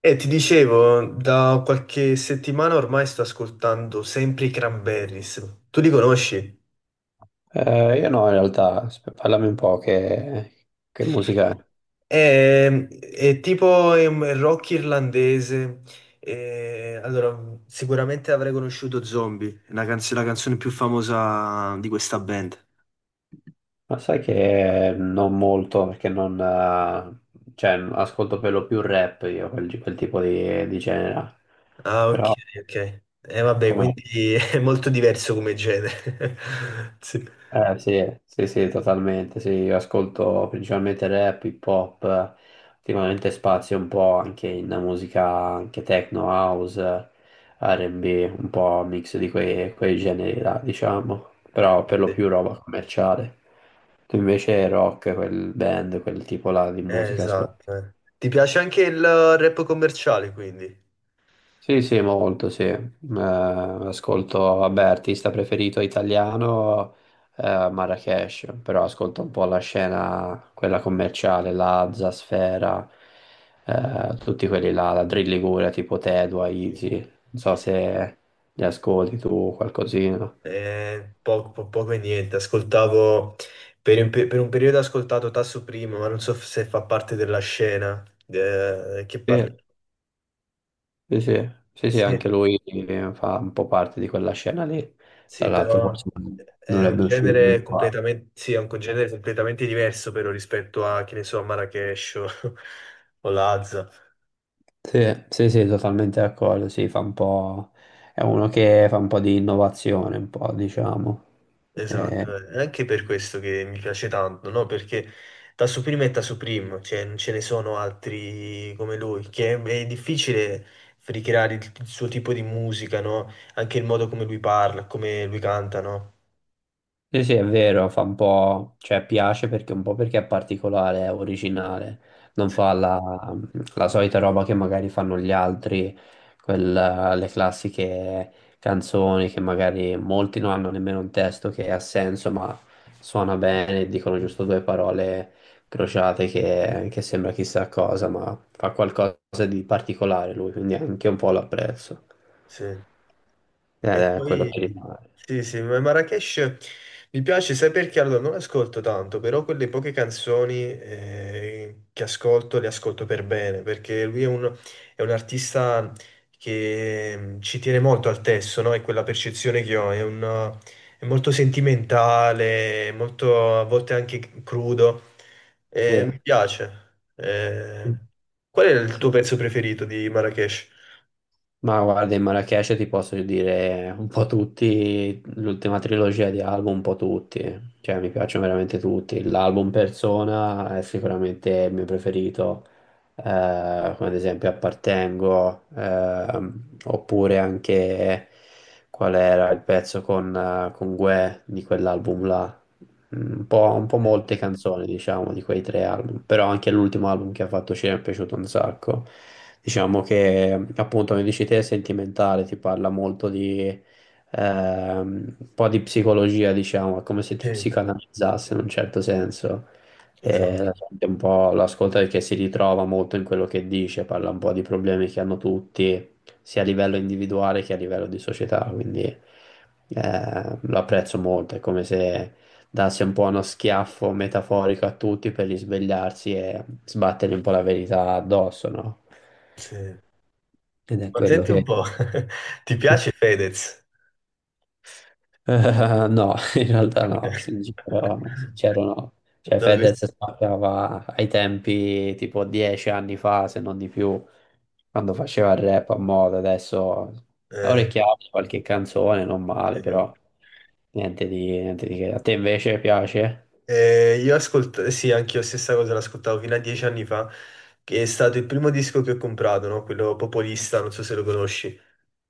E ti dicevo, da qualche settimana ormai sto ascoltando sempre i Cranberries. Tu li conosci? Io no, in realtà, parlami un po' che musica è. È tipo è un rock irlandese. E allora, sicuramente avrei conosciuto Zombie, la canzone più famosa di questa band. Ma sai che non molto, perché non, cioè, ascolto per lo più rap io, quel tipo di genere. Ah, ok, Però, ok. E vabbè, com'è? quindi è molto diverso come genere. Sì, Sì, sì, sì, totalmente, sì, io ascolto principalmente rap, hip hop, ultimamente spazio un po' anche in musica, anche techno, house, R&B, un po' un mix di quei generi là, diciamo, però per lo sì. più roba commerciale. Tu invece rock, quel band, quel tipo là di musica? esatto, eh. Ti piace anche il rap commerciale, quindi? Sì, sì, molto, sì. Ascolto, vabbè, artista preferito italiano, Marracash, però ascolto un po' la scena, quella commerciale, Lazza, Sfera, tutti quelli là, la Drill Liguria, tipo Tedua, Easy, non so se li ascolti tu qualcosina. Poco, poco e niente, ascoltavo per un periodo ho ascoltato Tasso Primo, ma non so se fa parte della scena, che parli. Sì, sì, sì, sì, sì, Sì, anche lui fa un po' parte di quella scena lì, tra sì, l'altro però forse è un dovrebbe uscire lui. genere completamente, sì, è un genere completamente diverso però rispetto a, che ne so, a Marrakesh o, o Lazza. Sì, sì, sì, totalmente d'accordo, sì, fa un po'. È uno che fa un po' di innovazione, un po', diciamo. Eh, Esatto, eh. È anche per questo che mi piace tanto, no? Perché da Supreme è da Supreme, cioè non ce ne sono altri come lui, che è difficile ricreare il suo tipo di musica, no? Anche il modo come lui parla, come lui canta, no? Sì, sì, è vero, fa un po', cioè piace perché un po' perché è particolare, è originale, non fa Sì, la solita roba che magari fanno gli altri, le classiche canzoni che magari molti non hanno nemmeno un testo che ha senso, ma suona bene, dicono giusto due parole crociate che sembra chissà cosa, ma fa qualcosa di particolare lui, quindi anche un po' l'apprezzo, sì. ed E è quello poi che rimane. sì, sì, ma Marrakesh mi piace, sai perché? Allora, non ascolto tanto, però quelle poche canzoni che ascolto le ascolto per bene, perché lui è un artista che, ci tiene molto al testo, no? È quella percezione che ho, è molto sentimentale, è molto a volte anche crudo, Sì. e mi piace. Qual è il tuo Sì. pezzo preferito di Marrakesh? Ma guarda, in Marrakesh ti posso dire un po' tutti, l'ultima trilogia di album, un po' tutti, cioè mi piacciono veramente tutti. L'album Persona è sicuramente il mio preferito, come ad esempio Appartengo, oppure anche qual era il pezzo con Guè di quell'album là. Un po' Eh, molte canzoni, diciamo, di quei tre album, però anche l'ultimo album che ha fatto ci è piaciuto un sacco. Diciamo che, appunto, come dici te, è sentimentale, ti parla molto di un po' di psicologia, diciamo, è come se ti Sì, psicanalizzasse in un certo senso. E esatto, la gente un po' lo ascolta perché si ritrova molto in quello che dice, parla un po' di problemi che hanno tutti, sia a livello individuale che a livello di società, quindi lo apprezzo molto, è come se dasse un po' uno schiaffo metaforico a tutti per risvegliarsi e sbattergli un po' la verità addosso, no? sì. Ed è Ma quello senti un che. po', ti piace Fedez? No, in realtà no, Perché- sincero, no, sincero no. Cioè No, Fedez spaccava ai tempi tipo 10 anni fa, se non di più, quando faceva il rap a moda, adesso eh, orecchiato qualche canzone, non male, sì. però niente di che. A te invece piace? Io ascolto, sì, anche io stessa cosa l'ascoltavo fino a 10 anni fa, che è stato il primo disco che ho comprato, no? Quello Popolista, non so se lo conosci.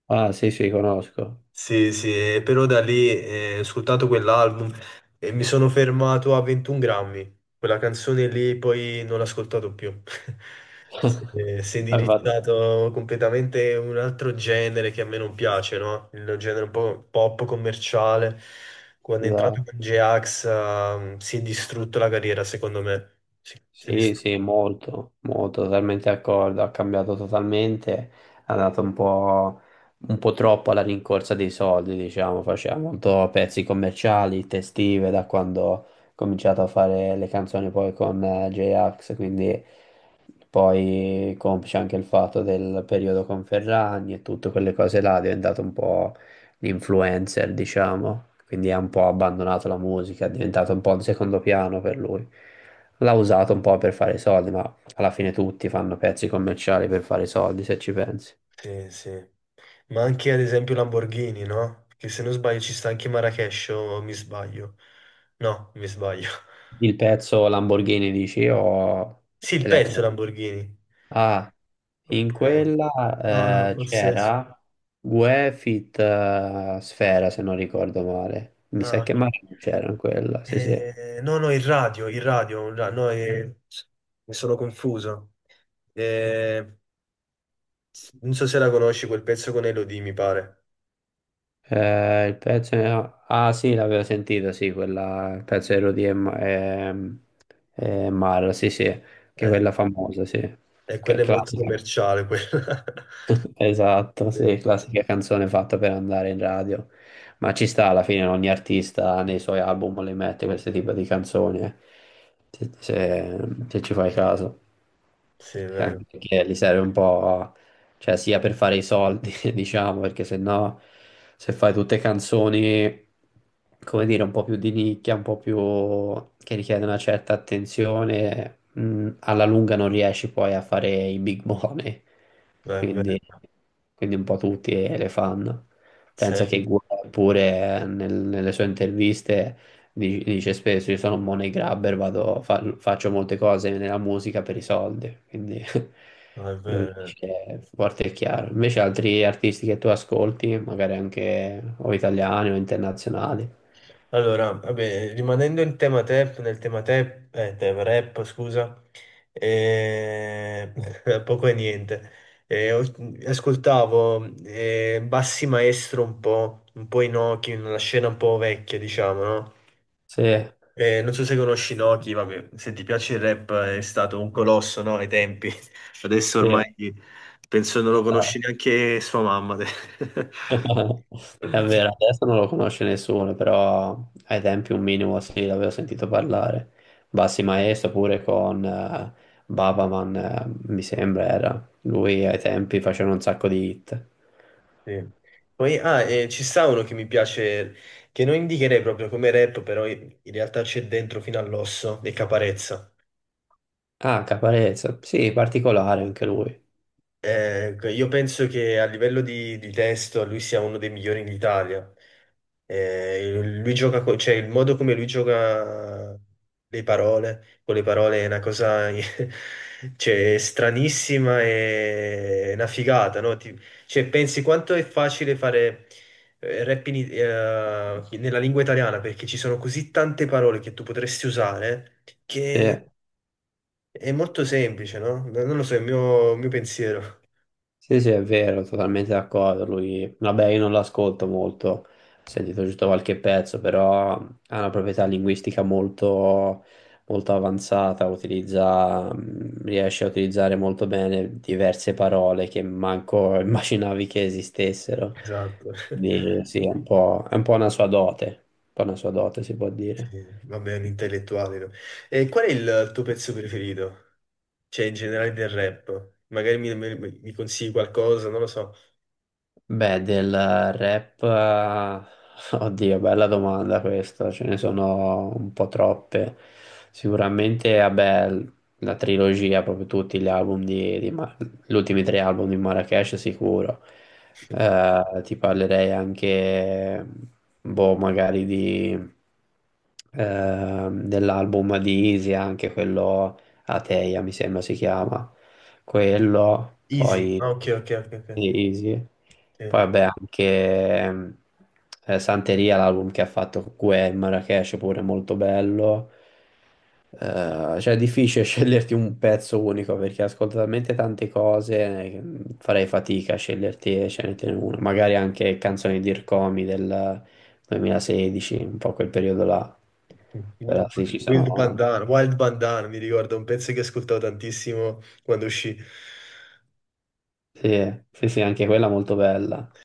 Ah, sì, sì, conosco. Sì, sì, e però da lì ho ascoltato quell'album e mi sono fermato a 21 grammi. Quella canzone lì poi non l'ho ascoltato più. Si è Hai fatto- indirizzato completamente un altro genere che a me non piace, no? Il genere un po' pop commerciale. Quando è entrato esatto. con J-Ax, si è distrutto la carriera, secondo me. Sì, si è Sì, distrutto. sì, molto, molto, totalmente d'accordo, ha cambiato totalmente, ha dato un po' troppo alla rincorsa dei soldi, diciamo, faceva molto pezzi commerciali, testive, da quando ho cominciato a fare le canzoni poi con J-Ax, quindi poi complice anche il fatto del periodo con Ferragni e tutte quelle cose là, è diventato un po' l'influencer, diciamo, quindi ha un po' abbandonato la musica, è diventato un po' un secondo piano per lui. L'ha usato un po' per fare i soldi, ma alla fine tutti fanno pezzi commerciali per fare i soldi, se ci pensi. Sì, sì. Ma anche ad esempio Lamborghini, no? Che se non sbaglio ci sta anche Marrakesh, o mi sbaglio. No, mi sbaglio. Il pezzo Lamborghini dici o Sì, il pezzo elettro? Lamborghini. Ah, in Oppure. No, no, quella forse. c'era Guefit Sfera, se non ricordo male. Mi sa Ah, che ok. Mario non c'era in quella, sì sì. No, no, il radio. No, mi sono confuso. Eh, non so se la conosci, quel pezzo con Elodie, mi pare. Il pezzo. Ah, sì, l'avevo sentito, sì, quella. Il pezzo di Rudy e Mara, sì sì, che è Eh, quella famosa, sì, e che è quella è molto classica. commerciale, quella. Esatto, Sì, sì, classica canzone fatta per andare in radio. Ma ci sta alla fine, ogni artista nei suoi album le mette questo tipo di canzoni, eh. Se, se- se ci fai caso. sì, è E anche vero. perché gli serve un po', cioè sia per fare i soldi, diciamo, perché se no, se fai tutte canzoni, come dire, un po' più di nicchia, un po' più che richiedono una certa attenzione, alla lunga non riesci poi a fare i big money. È Quindi, vero. quindi un po' tutti le fanno. Pensa che Sì. Guerra pure nelle sue interviste. Dice spesso, io sono un money grabber, vado, faccio molte cose nella musica per i soldi, quindi No, è lo vero, eh. dice forte e chiaro. Invece altri artisti che tu ascolti, magari anche o italiani o internazionali? Allora, vabbè, rimanendo in tema tap, nel tema tap, tap, rap, scusa, eh, poco e niente. Eh, ho- Ascoltavo Bassi Maestro un po' Inoki, una scena un po' vecchia, diciamo, no? Sì, Non so se conosci Inoki, vabbè, se ti piace il rap è stato un colosso, no? Ai tempi. Adesso sì, ormai penso non lo conosci no. neanche sua mamma, te. È vero, adesso non lo conosce nessuno, però ai tempi un minimo sì, l'avevo sentito parlare. Bassi Maestro pure con Babaman, mi sembra era. Lui ai tempi faceva un sacco di hit. Sì. Poi, ah, e ci sta uno che mi piace, che non indicherei proprio come rap, però in realtà c'è dentro fino all'osso, e Caparezza. Ah, Caparezza, sì, particolare anche lui. Io penso che a livello di testo lui sia uno dei migliori in Italia. Lui gioca, cioè il modo come lui gioca con le parole è una cosa cioè stranissima e una figata, no? Cioè, pensi quanto è facile fare rap nella lingua italiana, perché ci sono così tante parole che tu potresti usare che Sì, è molto semplice, no? No, non lo so, è il mio pensiero. sì, sì, è vero, totalmente d'accordo. Lui, vabbè, io non l'ascolto molto, ho sentito giusto qualche pezzo, però ha una proprietà linguistica molto, molto avanzata, riesce a utilizzare molto bene diverse parole che manco immaginavi che esistessero. Esatto. Quindi, sì, è un po' una sua dote, un po' una sua dote, si può dire. Vabbè, è un intellettuale, no? E qual è il tuo pezzo preferito? Cioè, in generale del rap. Magari mi consigli qualcosa, non lo so. Beh, del rap, oddio, bella domanda questa, ce ne sono un po' troppe. Sicuramente, vabbè, la trilogia, proprio tutti gli album di, gli ultimi tre album di Marracash sicuro. Ti parlerei anche, boh, magari dell'album di Isia, anche quello Ateia, mi sembra si chiama quello, Easy. poi Ah, ok, ok, ok, ok. sì, sì. Poi Sì. vabbè anche ehm, Santeria, l'album che ha fatto con Gue Marrakesh, pure molto bello. Cioè è difficile sceglierti un pezzo unico perché ascolto talmente tante cose, che farei fatica a scegliertene uno. Magari anche canzoni di Ircomi del 2016, un po' quel periodo là. Però Wild sì, ci sono. Wild Bandana, mi ricordo, un pezzo che ascoltavo tantissimo quando uscì. Sì, sì, sì, anche quella molto bella.